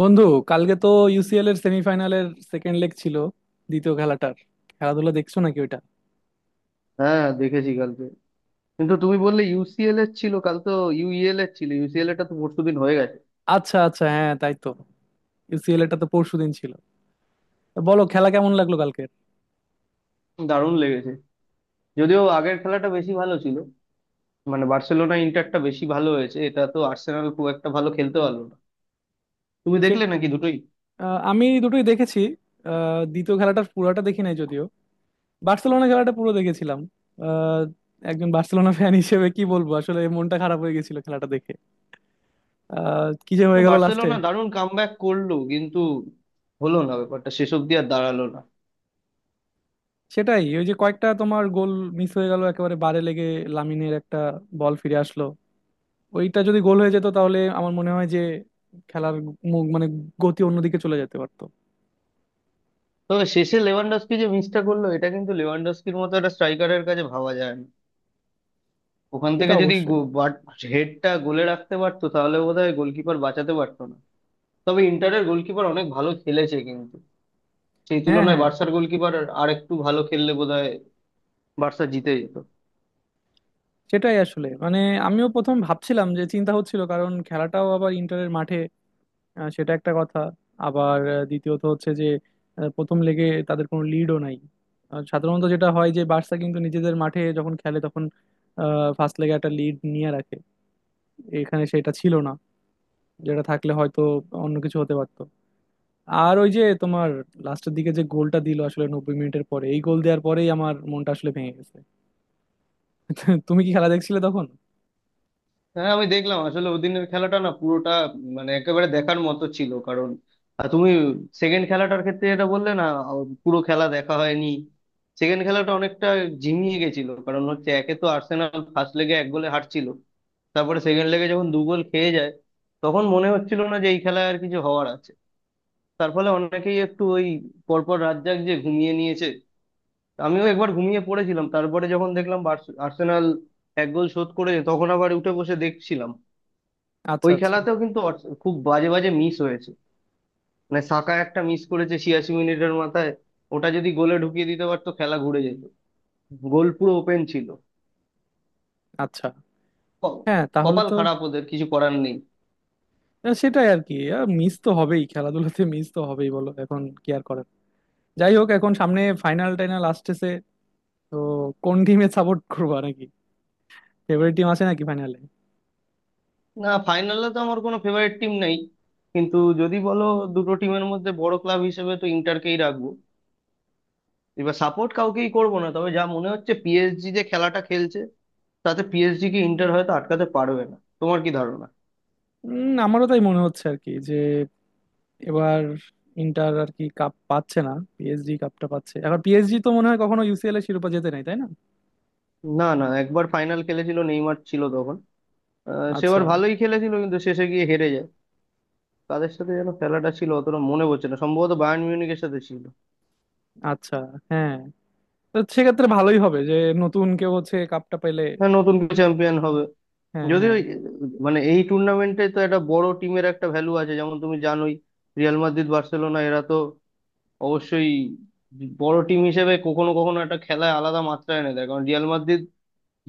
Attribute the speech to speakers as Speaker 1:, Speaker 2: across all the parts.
Speaker 1: বন্ধু, কালকে তো ইউসিএল এর সেমিফাইনালের সেকেন্ড লেগ ছিল, দ্বিতীয় খেলাটার। খেলাধুলা দেখছো নাকি ওইটা?
Speaker 2: হ্যাঁ, দেখেছি কালকে। কিন্তু তুমি বললে ইউসিএল এর ছিল, কাল তো ইউইএল এর ছিল, ইউসিএল এর টা তো পরশুদিন হয়ে গেছে।
Speaker 1: আচ্ছা, আচ্ছা, হ্যাঁ তাই তো, ইউসিএল এটা তো পরশুদিন ছিল। তো বলো, খেলা কেমন লাগলো কালকের?
Speaker 2: দারুণ লেগেছে, যদিও আগের খেলাটা বেশি ভালো ছিল। মানে বার্সেলোনা ইন্টারটা বেশি ভালো হয়েছে, এটা তো আর্সেনাল খুব একটা ভালো খেলতে পারলো না। তুমি
Speaker 1: সে
Speaker 2: দেখলে নাকি দুটোই?
Speaker 1: আমি দুটোই দেখেছি। দ্বিতীয় খেলাটার পুরোটা দেখি নাই যদিও। বার্সেলোনা খেলাটা পুরো দেখেছিলাম। আহ, একজন বার্সেলোনা ফ্যান হিসেবে কি বলবো, আসলে মনটা খারাপ হয়ে গেছিল খেলাটা দেখে। কি যে
Speaker 2: না,
Speaker 1: হয়ে গেল লাস্টে।
Speaker 2: বার্সেলোনা দারুণ কামব্যাক করলো কিন্তু হলো না ব্যাপারটা, শেষ অব্দি আর দাঁড়ালো না।
Speaker 1: সেটাই, ওই যে কয়েকটা তোমার গোল মিস হয়ে গেল একেবারে বারে লেগে। লামিনের একটা বল ফিরে আসলো। ওইটা যদি গোল হয়ে যেত তাহলে আমার মনে হয় যে খেলার মুখ, মানে গতি অন্যদিকে চলে যেতে পারতো।
Speaker 2: তবে শেষে লেভানডস্কি যে মিসটা করলো, এটা কিন্তু লেভানডস্কির মতো একটা স্ট্রাইকারের কাছে ভাবা যায় না। ওখান
Speaker 1: এটা
Speaker 2: থেকে যদি
Speaker 1: অবশ্যই।
Speaker 2: হেডটা গোলে রাখতে পারতো তাহলে বোধহয় গোলকিপার বাঁচাতে পারতো না। তবে ইন্টারের গোলকিপার অনেক ভালো খেলেছে কিন্তু, সেই
Speaker 1: হ্যাঁ,
Speaker 2: তুলনায়
Speaker 1: হ্যাঁ।
Speaker 2: বার্সার গোলকিপার আর একটু ভালো খেললে বোধহয় বার্সা জিতে যেত।
Speaker 1: সেটাই আসলে, মানে আমিও প্রথম ভাবছিলাম যে চিন্তা হচ্ছিল কারণ খেলাটাও আবার ইন্টারের মাঠে। সেটা একটা কথা। আবার দ্বিতীয়ত হচ্ছে যে প্রথম লেগে তাদের কোনো লিডও নাই। আর সাধারণত যেটা হয় যে বার্সা কিন্তু নিজেদের মাঠে যখন খেলে তখন ফার্স্ট লেগে একটা লিড নিয়ে রাখে, এখানে সেটা ছিল না, যেটা থাকলে হয়তো অন্য কিছু হতে পারতো। আর ওই যে তোমার লাস্টের দিকে যে গোলটা দিল আসলে 90 মিনিটের পরে, এই গোল দেওয়ার পরেই আমার মনটা আসলে ভেঙে গেছে। তুমি কি খেলা দেখছিলে তখন?
Speaker 2: হ্যাঁ, আমি দেখলাম আসলে ওদিনের খেলাটা না পুরোটা, মানে একেবারে দেখার মতো ছিল। কারণ তুমি সেকেন্ড খেলাটার ক্ষেত্রে যেটা বললে না, পুরো খেলা দেখা হয়নি। সেকেন্ড খেলাটা অনেকটা ঝিমিয়ে গেছিল, কারণ হচ্ছে একে তো আর্সেনাল ফার্স্ট লেগে 1 গোলে হারছিল, তারপরে সেকেন্ড লেগে যখন 2 গোল খেয়ে যায় তখন মনে হচ্ছিল না যে এই খেলায় আর কিছু হওয়ার আছে। তার ফলে অনেকেই একটু ওই পরপর রাত জাগিয়ে ঘুমিয়ে নিয়েছে। আমিও একবার ঘুমিয়ে পড়েছিলাম, তারপরে যখন দেখলাম আর্সেনাল 1 গোল শোধ করেছে, তখন আবার উঠে বসে দেখছিলাম।
Speaker 1: আচ্ছা,
Speaker 2: ওই
Speaker 1: আচ্ছা।
Speaker 2: খেলাতেও কিন্তু খুব বাজে বাজে মিস হয়েছে। মানে সাকা একটা মিস করেছে 86 মিনিটের মাথায়, ওটা যদি গোলে ঢুকিয়ে দিতে পারতো খেলা ঘুরে যেত, গোল পুরো ওপেন ছিল।
Speaker 1: আচ্ছা,
Speaker 2: ক-
Speaker 1: হ্যাঁ, তাহলে
Speaker 2: কপাল
Speaker 1: তো।
Speaker 2: খারাপ, ওদের কিছু করার নেই।
Speaker 1: সেটাই আর কি। মিস তো হবেই, খেলাধুলাতে মিস তো হবেই, বলো এখন কি আর করার। যাই হোক, এখন সামনে ফাইনাল টাইনাল আসতেছে। তো কোন টিমে সাপোর্ট করবা নাকি, ফেভারিট টিম আছে নাকি ফাইনালে?
Speaker 2: না, ফাইনালে তো আমার কোনো ফেভারিট টিম নেই, কিন্তু যদি বলো দুটো টিমের মধ্যে বড় ক্লাব হিসেবে তো ইন্টারকেই রাখবো। এবার সাপোর্ট কাউকেই করবো না, তবে যা মনে হচ্ছে পিএসজি যে খেলাটা খেলছে, তাতে পিএসজি কি ইন্টার হয়তো আটকাতে পারবে না, তোমার কি ধারণা?
Speaker 1: আমারও তাই মনে হচ্ছে আর কি, যে এবার ইন্টার আর কি কাপ পাচ্ছে না, পিএসজি কাপটা পাচ্ছে। এখন পিএসজি তো মনে হয় কখনো ইউসিএল এর শিরোপা জেতে নাই, তাই না?
Speaker 2: না না, একবার ফাইনাল খেলেছিল, নেইমার ছিল তখন। সেবার
Speaker 1: আচ্ছা।
Speaker 2: ভালোই খেলেছিল কিন্তু শেষে গিয়ে হেরে যায়। তাদের সাথে যেন খেলাটা ছিল অতটা মনে পড়ছে না, সম্ভবত বায়ার্ন মিউনিখের সাথে ছিল।
Speaker 1: আচ্ছা, হ্যাঁ। তো সেক্ষেত্রে ভালোই হবে যে নতুন কেউ হচ্ছে কাপটা পেলে।
Speaker 2: হ্যাঁ, নতুন চ্যাম্পিয়ন হবে।
Speaker 1: হ্যাঁ,
Speaker 2: যদিও
Speaker 1: হ্যাঁ।
Speaker 2: মানে এই টুর্নামেন্টে তো একটা বড় টিমের একটা ভ্যালু আছে, যেমন তুমি জানোই, রিয়াল মাদ্রিদ বার্সেলোনা এরা তো অবশ্যই বড় টিম হিসেবে কখনো কখনো একটা খেলায় আলাদা মাত্রা এনে দেয়। কারণ রিয়াল মাদ্রিদ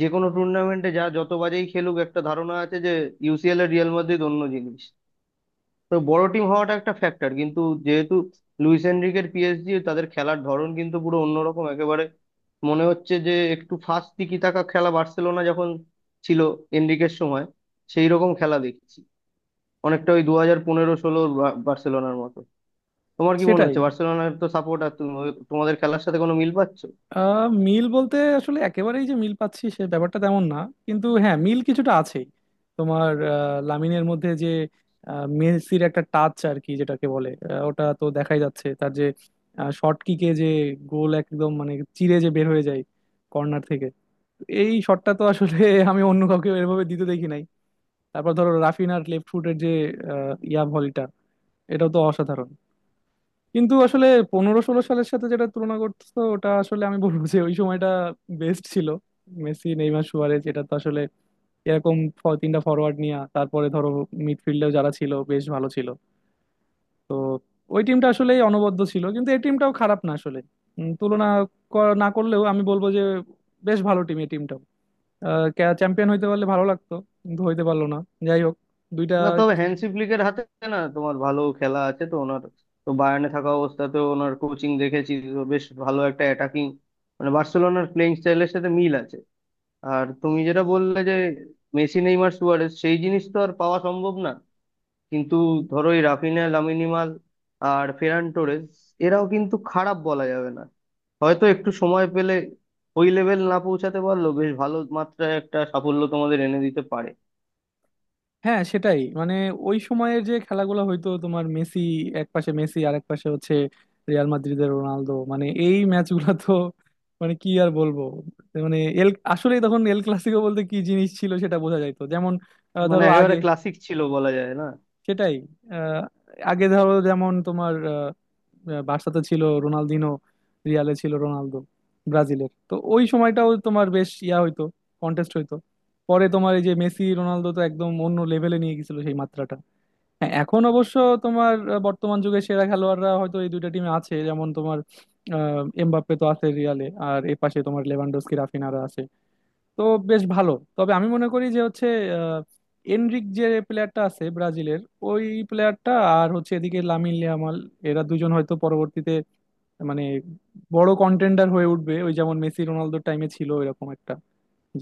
Speaker 2: যে কোনো টুর্নামেন্টে যা যত বাজেই খেলুক, একটা ধারণা আছে যে ইউসিএল এর রিয়াল মাদ্রিদ অন্য জিনিস। তো বড় টিম হওয়াটা একটা ফ্যাক্টর কিন্তু, যেহেতু লুইস এনরিকের পিএসজি, তাদের খেলার ধরন কিন্তু পুরো অন্যরকম একেবারে। মনে হচ্ছে যে একটু ফাস্ট টিকি টাকা খেলা, বার্সেলোনা যখন ছিল এনরিকের সময়, সেই রকম খেলা দেখছি, অনেকটা ওই 2015-16র বার্সেলোনার মতো। তোমার কি মনে
Speaker 1: সেটাই।
Speaker 2: হচ্ছে? বার্সেলোনার তো সাপোর্টার তুমি, তোমাদের খেলার সাথে কোনো মিল পাচ্ছ?
Speaker 1: মিল বলতে আসলে একেবারেই যে মিল পাচ্ছি সে ব্যাপারটা তেমন না, কিন্তু হ্যাঁ মিল কিছুটা আছেই। তোমার লামিনের মধ্যে যে মেসির একটা টাচ আর কি যেটাকে বলে, ওটা তো দেখাই যাচ্ছে, তার যে শর্ট কিকে যে গোল একদম মানে চিরে যে বের হয়ে যায় কর্নার থেকে, এই শটটা তো আসলে আমি অন্য কাউকে এভাবে দিতে দেখি নাই। তারপর ধরো রাফিনার লেফট ফুটের যে ইয়া ভলিটা, এটাও তো অসাধারণ। কিন্তু আসলে 15-16 সালের সাথে যেটা তুলনা করতেছো ওটা আসলে আমি বলবো যে ওই সময়টা বেস্ট ছিল। মেসি, নেইমার, সুয়ারেজ, এটা তো আসলে এরকম তিনটা ফরওয়ার্ড নিয়ে, তারপরে ধরো মিডফিল্ডেও যারা ছিল বেশ ভালো ছিল। ওই টিমটা আসলেই অনবদ্য ছিল, কিন্তু এই টিমটাও খারাপ না আসলে। তুলনা না করলেও আমি বলবো যে বেশ ভালো টিম এই টিমটাও। চ্যাম্পিয়ন হইতে পারলে ভালো লাগতো, কিন্তু হইতে পারলো না। যাই হোক, দুইটা।
Speaker 2: না তবে, হ্যান্সি ফ্লিকের হাতে, না তোমার ভালো খেলা আছে তো ওনার। তো বায়ার্নে থাকা অবস্থাতেও ওনার কোচিং দেখেছি তো, বেশ ভালো একটা অ্যাটাকিং, মানে বার্সেলোনার প্লেইং স্টাইলের সাথে মিল আছে। আর তুমি যেটা বললে যে মেসি নেইমার সুয়ারেজ, সেই জিনিস তো আর পাওয়া সম্ভব না, কিন্তু ধরো এই রাফিনা লামিনিমাল আর ফেরান টোরেস, এরাও কিন্তু খারাপ বলা যাবে না। হয়তো একটু সময় পেলে ওই লেভেল না পৌঁছাতে পারলো, বেশ ভালো মাত্রায় একটা সাফল্য তোমাদের এনে দিতে পারে।
Speaker 1: হ্যাঁ, সেটাই, মানে ওই সময়ের যে খেলাগুলো হয়তো তোমার মেসি, এক পাশে মেসি আর এক পাশে হচ্ছে রিয়াল মাদ্রিদের রোনালদো, মানে এই ম্যাচগুলো তো মানে কি আর বলবো। মানে এল আসলে তখন এল ক্লাসিকো বলতে কি জিনিস ছিল সেটা বোঝা যাইতো, যেমন
Speaker 2: মানে
Speaker 1: ধরো আগে,
Speaker 2: একেবারে ক্লাসিক ছিল, বলা যায়। না,
Speaker 1: সেটাই। আহ, আগে ধরো যেমন তোমার আহ, আহ, বার্সাতে ছিল রোনালদিনো, রিয়ালে ছিল রোনালদো। ব্রাজিলের তো ওই সময়টাও তোমার বেশ ইয়া হইতো, কন্টেস্ট হইতো। পরে তোমার এই যে মেসি রোনালদো তো একদম অন্য লেভেলে নিয়ে গেছিল সেই মাত্রাটা। হ্যাঁ, এখন অবশ্য তোমার বর্তমান যুগে সেরা খেলোয়াড়রা হয়তো এই দুইটা টিমে আছে, যেমন তোমার এমবাপ্পে তো আছে রিয়ালে, আর এ পাশে তোমার লেভানডস্কি, রাফিনারা আছে। তো বেশ ভালো। তবে আমি মনে করি যে হচ্ছে আহ, এনরিক যে প্লেয়ারটা আছে ব্রাজিলের, ওই প্লেয়ারটা, আর হচ্ছে এদিকে লামিন ইয়ামাল, এরা দুজন হয়তো পরবর্তীতে মানে বড় কন্টেন্ডার হয়ে উঠবে, ওই যেমন মেসি রোনালদোর টাইমে ছিল এরকম একটা,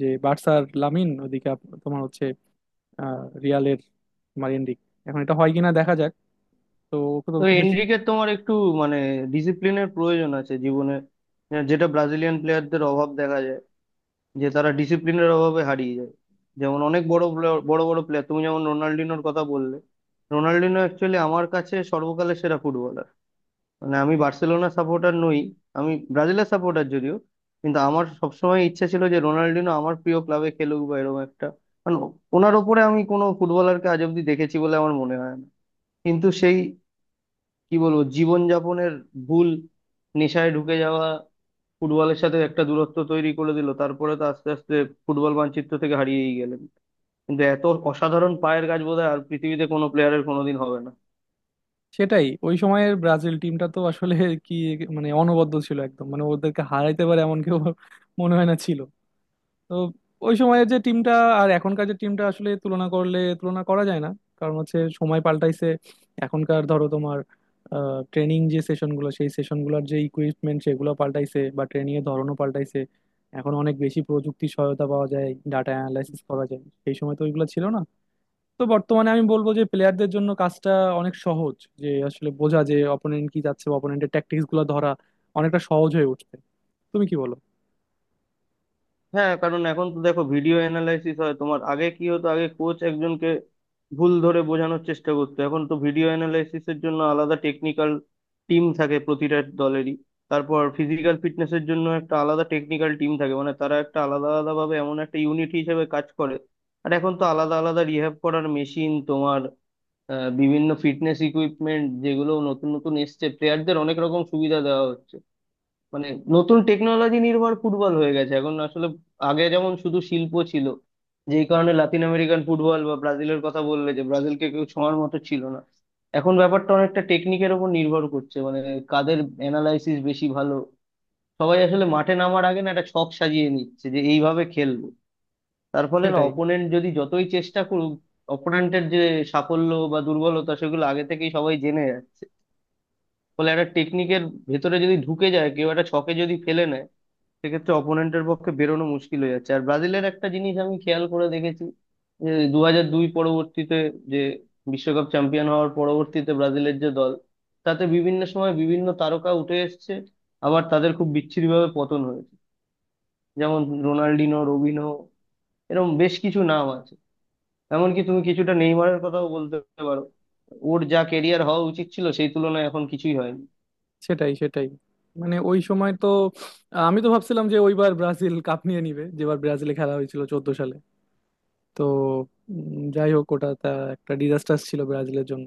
Speaker 1: যে বার্সার লামিন, ওদিকে তোমার হচ্ছে আহ, রিয়ালের তোমার এনরিক। এখন এটা হয় কিনা দেখা যাক। তো তো
Speaker 2: তো
Speaker 1: খুব বেশি।
Speaker 2: এনরিকের তোমার একটু, মানে ডিসিপ্লিনের প্রয়োজন আছে জীবনে। যেটা ব্রাজিলিয়ান প্লেয়ারদের অভাব দেখা যায়, যে তারা ডিসিপ্লিনের অভাবে হারিয়ে যায়। যেমন অনেক বড় বড় বড় প্লেয়ার, তুমি যেমন রোনাল্ডিনোর কথা বললে, রোনাল্ডিনো অ্যাকচুয়ালি আমার কাছে সর্বকালের সেরা ফুটবলার। মানে আমি বার্সেলোনা সাপোর্টার নই, আমি ব্রাজিলের সাপোর্টার যদিও, কিন্তু আমার সবসময় ইচ্ছা ছিল যে রোনাল্ডিনো আমার প্রিয় ক্লাবে খেলুক বা এরকম একটা, মানে ওনার ওপরে আমি কোনো ফুটবলারকে আজ অব্দি দেখেছি বলে আমার মনে হয় না। কিন্তু সেই, কি বলবো, জীবনযাপনের ভুল, নেশায় ঢুকে যাওয়া, ফুটবলের সাথে একটা দূরত্ব তৈরি করে দিল। তারপরে তো আস্তে আস্তে ফুটবল মানচিত্র থেকে হারিয়েই গেলেন। কিন্তু এত অসাধারণ পায়ের কাজ বোধহয় আর পৃথিবীতে কোনো প্লেয়ারের কোনোদিন হবে না।
Speaker 1: সেটাই, ওই সময়ের ব্রাজিল টিমটা তো আসলে কি মানে অনবদ্য ছিল একদম, মানে ওদেরকে হারাইতে পারে এমন কেউ মনে হয় না ছিল। তো ওই সময়ের যে টিমটা আর এখনকার যে টিমটা আসলে তুলনা করলে তুলনা করা যায় না, কারণ হচ্ছে সময় পাল্টাইছে। এখনকার ধরো তোমার ট্রেনিং যে সেশনগুলো, সেই সেশনগুলোর যে ইকুইপমেন্ট সেগুলো পাল্টাইছে, বা ট্রেনিং এর ধরনও পাল্টাইছে। এখন অনেক বেশি প্রযুক্তি সহায়তা পাওয়া যায়, ডাটা অ্যানালাইসিস করা যায়, সেই সময় তো ওইগুলো ছিল না। তো বর্তমানে আমি বলবো যে প্লেয়ারদের জন্য কাজটা অনেক সহজ, যে আসলে বোঝা যে অপোনেন্ট কি যাচ্ছে বা অপোনেন্টের ট্যাকটিক্স গুলো ধরা অনেকটা সহজ হয়ে উঠছে। তুমি কি বলো?
Speaker 2: হ্যাঁ, কারণ এখন তো দেখো ভিডিও অ্যানালাইসিস হয়। তোমার আগে কি হতো, আগে কোচ একজনকে ভুল ধরে বোঝানোর চেষ্টা করতো, এখন তো ভিডিও অ্যানালাইসিসের জন্য আলাদা টেকনিক্যাল টিম থাকে প্রতিটা দলেরই। তারপর ফিজিক্যাল ফিটনেসের জন্য একটা আলাদা টেকনিক্যাল টিম থাকে, মানে তারা একটা আলাদা আলাদা ভাবে এমন একটা ইউনিট হিসেবে কাজ করে। আর এখন তো আলাদা আলাদা রিহ্যাব করার মেশিন, তোমার বিভিন্ন ফিটনেস ইকুইপমেন্ট যেগুলো নতুন নতুন এসছে, প্লেয়ারদের অনেক রকম সুবিধা দেওয়া হচ্ছে। মানে নতুন টেকনোলজি নির্ভর ফুটবল হয়ে গেছে এখন আসলে। আগে যেমন শুধু শিল্প ছিল, যেই কারণে লাতিন আমেরিকান ফুটবল বা ব্রাজিলের কথা বললে যে ব্রাজিলকে কেউ ছোঁয়ার মতো ছিল না, এখন ব্যাপারটা অনেকটা টেকনিকের উপর নির্ভর করছে। মানে কাদের অ্যানালাইসিস বেশি ভালো, সবাই আসলে মাঠে নামার আগে না একটা ছক সাজিয়ে নিচ্ছে যে এইভাবে খেলবো। তার ফলে না
Speaker 1: সেটাই,
Speaker 2: অপোনেন্ট যদি যতই চেষ্টা করুক, অপোনেন্টের যে সাফল্য বা দুর্বলতা সেগুলো আগে থেকেই সবাই জেনে যাচ্ছে। ফলে একটা টেকনিকের ভেতরে যদি ঢুকে যায় কেউ, একটা ছকে যদি ফেলে নেয়, সেক্ষেত্রে অপোনেন্টের পক্ষে বেরোনো মুশকিল হয়ে যাচ্ছে। আর ব্রাজিলের একটা জিনিস আমি খেয়াল করে দেখেছি, যে 2002 পরবর্তীতে, যে বিশ্বকাপ চ্যাম্পিয়ন হওয়ার পরবর্তীতে, ব্রাজিলের যে দল, তাতে বিভিন্ন সময় বিভিন্ন তারকা উঠে এসেছে, আবার তাদের খুব বিচ্ছিরিভাবে পতন হয়েছে। যেমন রোনাল্ডিনো, রবিনো, এরকম বেশ কিছু নাম আছে। এমনকি তুমি কিছুটা নেইমারের কথাও বলতে পারো, ওর যা কেরিয়ার হওয়া উচিত ছিল সেই তুলনায় এখন কিছুই হয়নি।
Speaker 1: সেটাই, সেটাই, মানে ওই সময় তো আমি তো ভাবছিলাম যে ওইবার ব্রাজিল কাপ নিয়ে নিবে, যেবার ব্রাজিলে খেলা হয়েছিল 14 সালে। তো যাই হোক, ওটা তা একটা ডিজাস্টার ছিল ব্রাজিলের জন্য,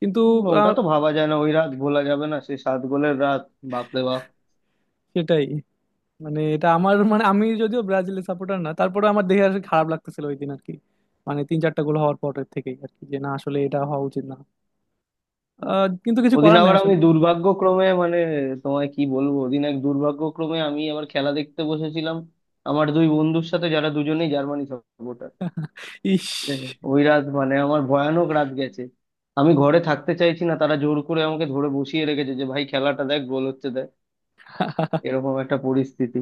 Speaker 1: কিন্তু
Speaker 2: ওটা
Speaker 1: আহ,
Speaker 2: তো ভাবা যায় না, ওই রাত ভোলা যাবে না, সেই 7 গোলের রাত। বাপরে বাপ!
Speaker 1: সেটাই, মানে এটা আমার, মানে আমি যদিও ব্রাজিলের সাপোর্টার না, তারপরে আমার দেখে আসলে খারাপ লাগতেছিল ওই দিন আর কি। মানে তিন চারটা গোল হওয়ার পরের থেকেই আর কি, যে না আসলে এটা হওয়া উচিত না। কিন্তু কিছু
Speaker 2: ওদিন
Speaker 1: করার নাই
Speaker 2: আবার আমি
Speaker 1: আসলে।
Speaker 2: দুর্ভাগ্যক্রমে, মানে তোমায় কি বলবো, ওদিন এক দুর্ভাগ্যক্রমে আমি আবার খেলা দেখতে বসেছিলাম আমার দুই বন্ধুর সাথে যারা দুজনেই জার্মানি সাপোর্টার।
Speaker 1: ইস।
Speaker 2: ওই রাত মানে আমার ভয়ানক রাত গেছে। আমি ঘরে থাকতে চাইছি না, তারা জোর করে আমাকে ধরে বসিয়ে রেখেছে যে ভাই খেলাটা দেখ, গোল হচ্ছে দেখ, এরকম একটা পরিস্থিতি।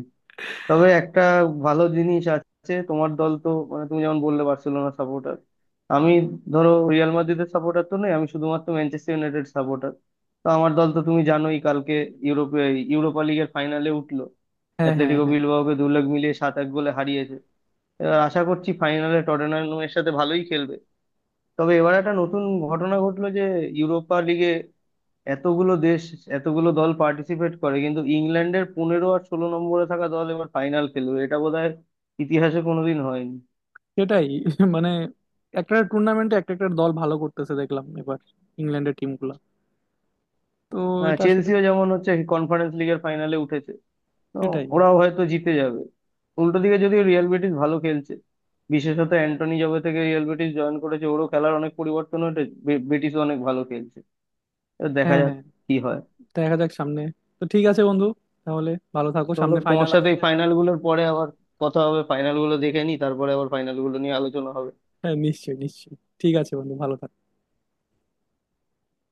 Speaker 2: তবে একটা ভালো জিনিস আছে, তোমার দল তো, মানে তুমি যেমন বললে বার্সেলোনা সাপোর্টার, আমি ধরো রিয়াল মাদ্রিদের সাপোর্টার তো নই, আমি শুধুমাত্র ম্যানচেস্টার ইউনাইটেড সাপোর্টার। তো আমার দল তো তুমি জানোই, কালকে ইউরোপে ইউরোপা লিগের ফাইনালে উঠলো,
Speaker 1: হ্যাঁ, হ্যাঁ,
Speaker 2: অ্যাটলেটিকো
Speaker 1: হ্যাঁ।
Speaker 2: বিলবাওকে দু লাখ মিলিয়ে 7-1 গোলে হারিয়েছে। এবার আশা করছি ফাইনালে টটেনহামের সাথে ভালোই খেলবে। তবে এবার একটা নতুন ঘটনা ঘটলো, যে ইউরোপা লিগে এতগুলো দেশ, এতগুলো দল পার্টিসিপেট করে, কিন্তু ইংল্যান্ডের 15 আর 16 নম্বরে থাকা দল এবার ফাইনাল খেলবে, এটা বোধহয় ইতিহাসে কোনোদিন হয়নি।
Speaker 1: সেটাই। মানে একটা টুর্নামেন্টে একটা একটা দল ভালো করতেছে দেখলাম এবার, ইংল্যান্ডের টিমগুলো। তো
Speaker 2: হ্যাঁ,
Speaker 1: এটা আসলে
Speaker 2: চেলসিও যেমন হচ্ছে কনফারেন্স লিগের ফাইনালে উঠেছে, তো
Speaker 1: সেটাই।
Speaker 2: ওরাও হয়তো জিতে যাবে। উল্টো দিকে যদিও রিয়াল বেটিস ভালো খেলছে, বিশেষত অ্যান্টনি জবে থেকে রিয়াল বেটিস জয়েন করেছে ওরও খেলার অনেক পরিবর্তন হয়েছে, বেটিসও অনেক ভালো খেলছে। তো দেখা
Speaker 1: হ্যাঁ,
Speaker 2: যাক
Speaker 1: হ্যাঁ।
Speaker 2: কি হয়।
Speaker 1: দেখা যাক সামনে। তো ঠিক আছে বন্ধু, তাহলে ভালো থাকো,
Speaker 2: চলো
Speaker 1: সামনে
Speaker 2: তোমার
Speaker 1: ফাইনাল
Speaker 2: সাথে এই
Speaker 1: আসছে।
Speaker 2: ফাইনাল গুলোর পরে আবার কথা হবে, ফাইনাল গুলো দেখে নি তারপরে আবার ফাইনাল গুলো নিয়ে আলোচনা হবে।
Speaker 1: হ্যাঁ, নিশ্চয়ই, নিশ্চয়ই। ঠিক আছে বন্ধু, ভালো থাকো।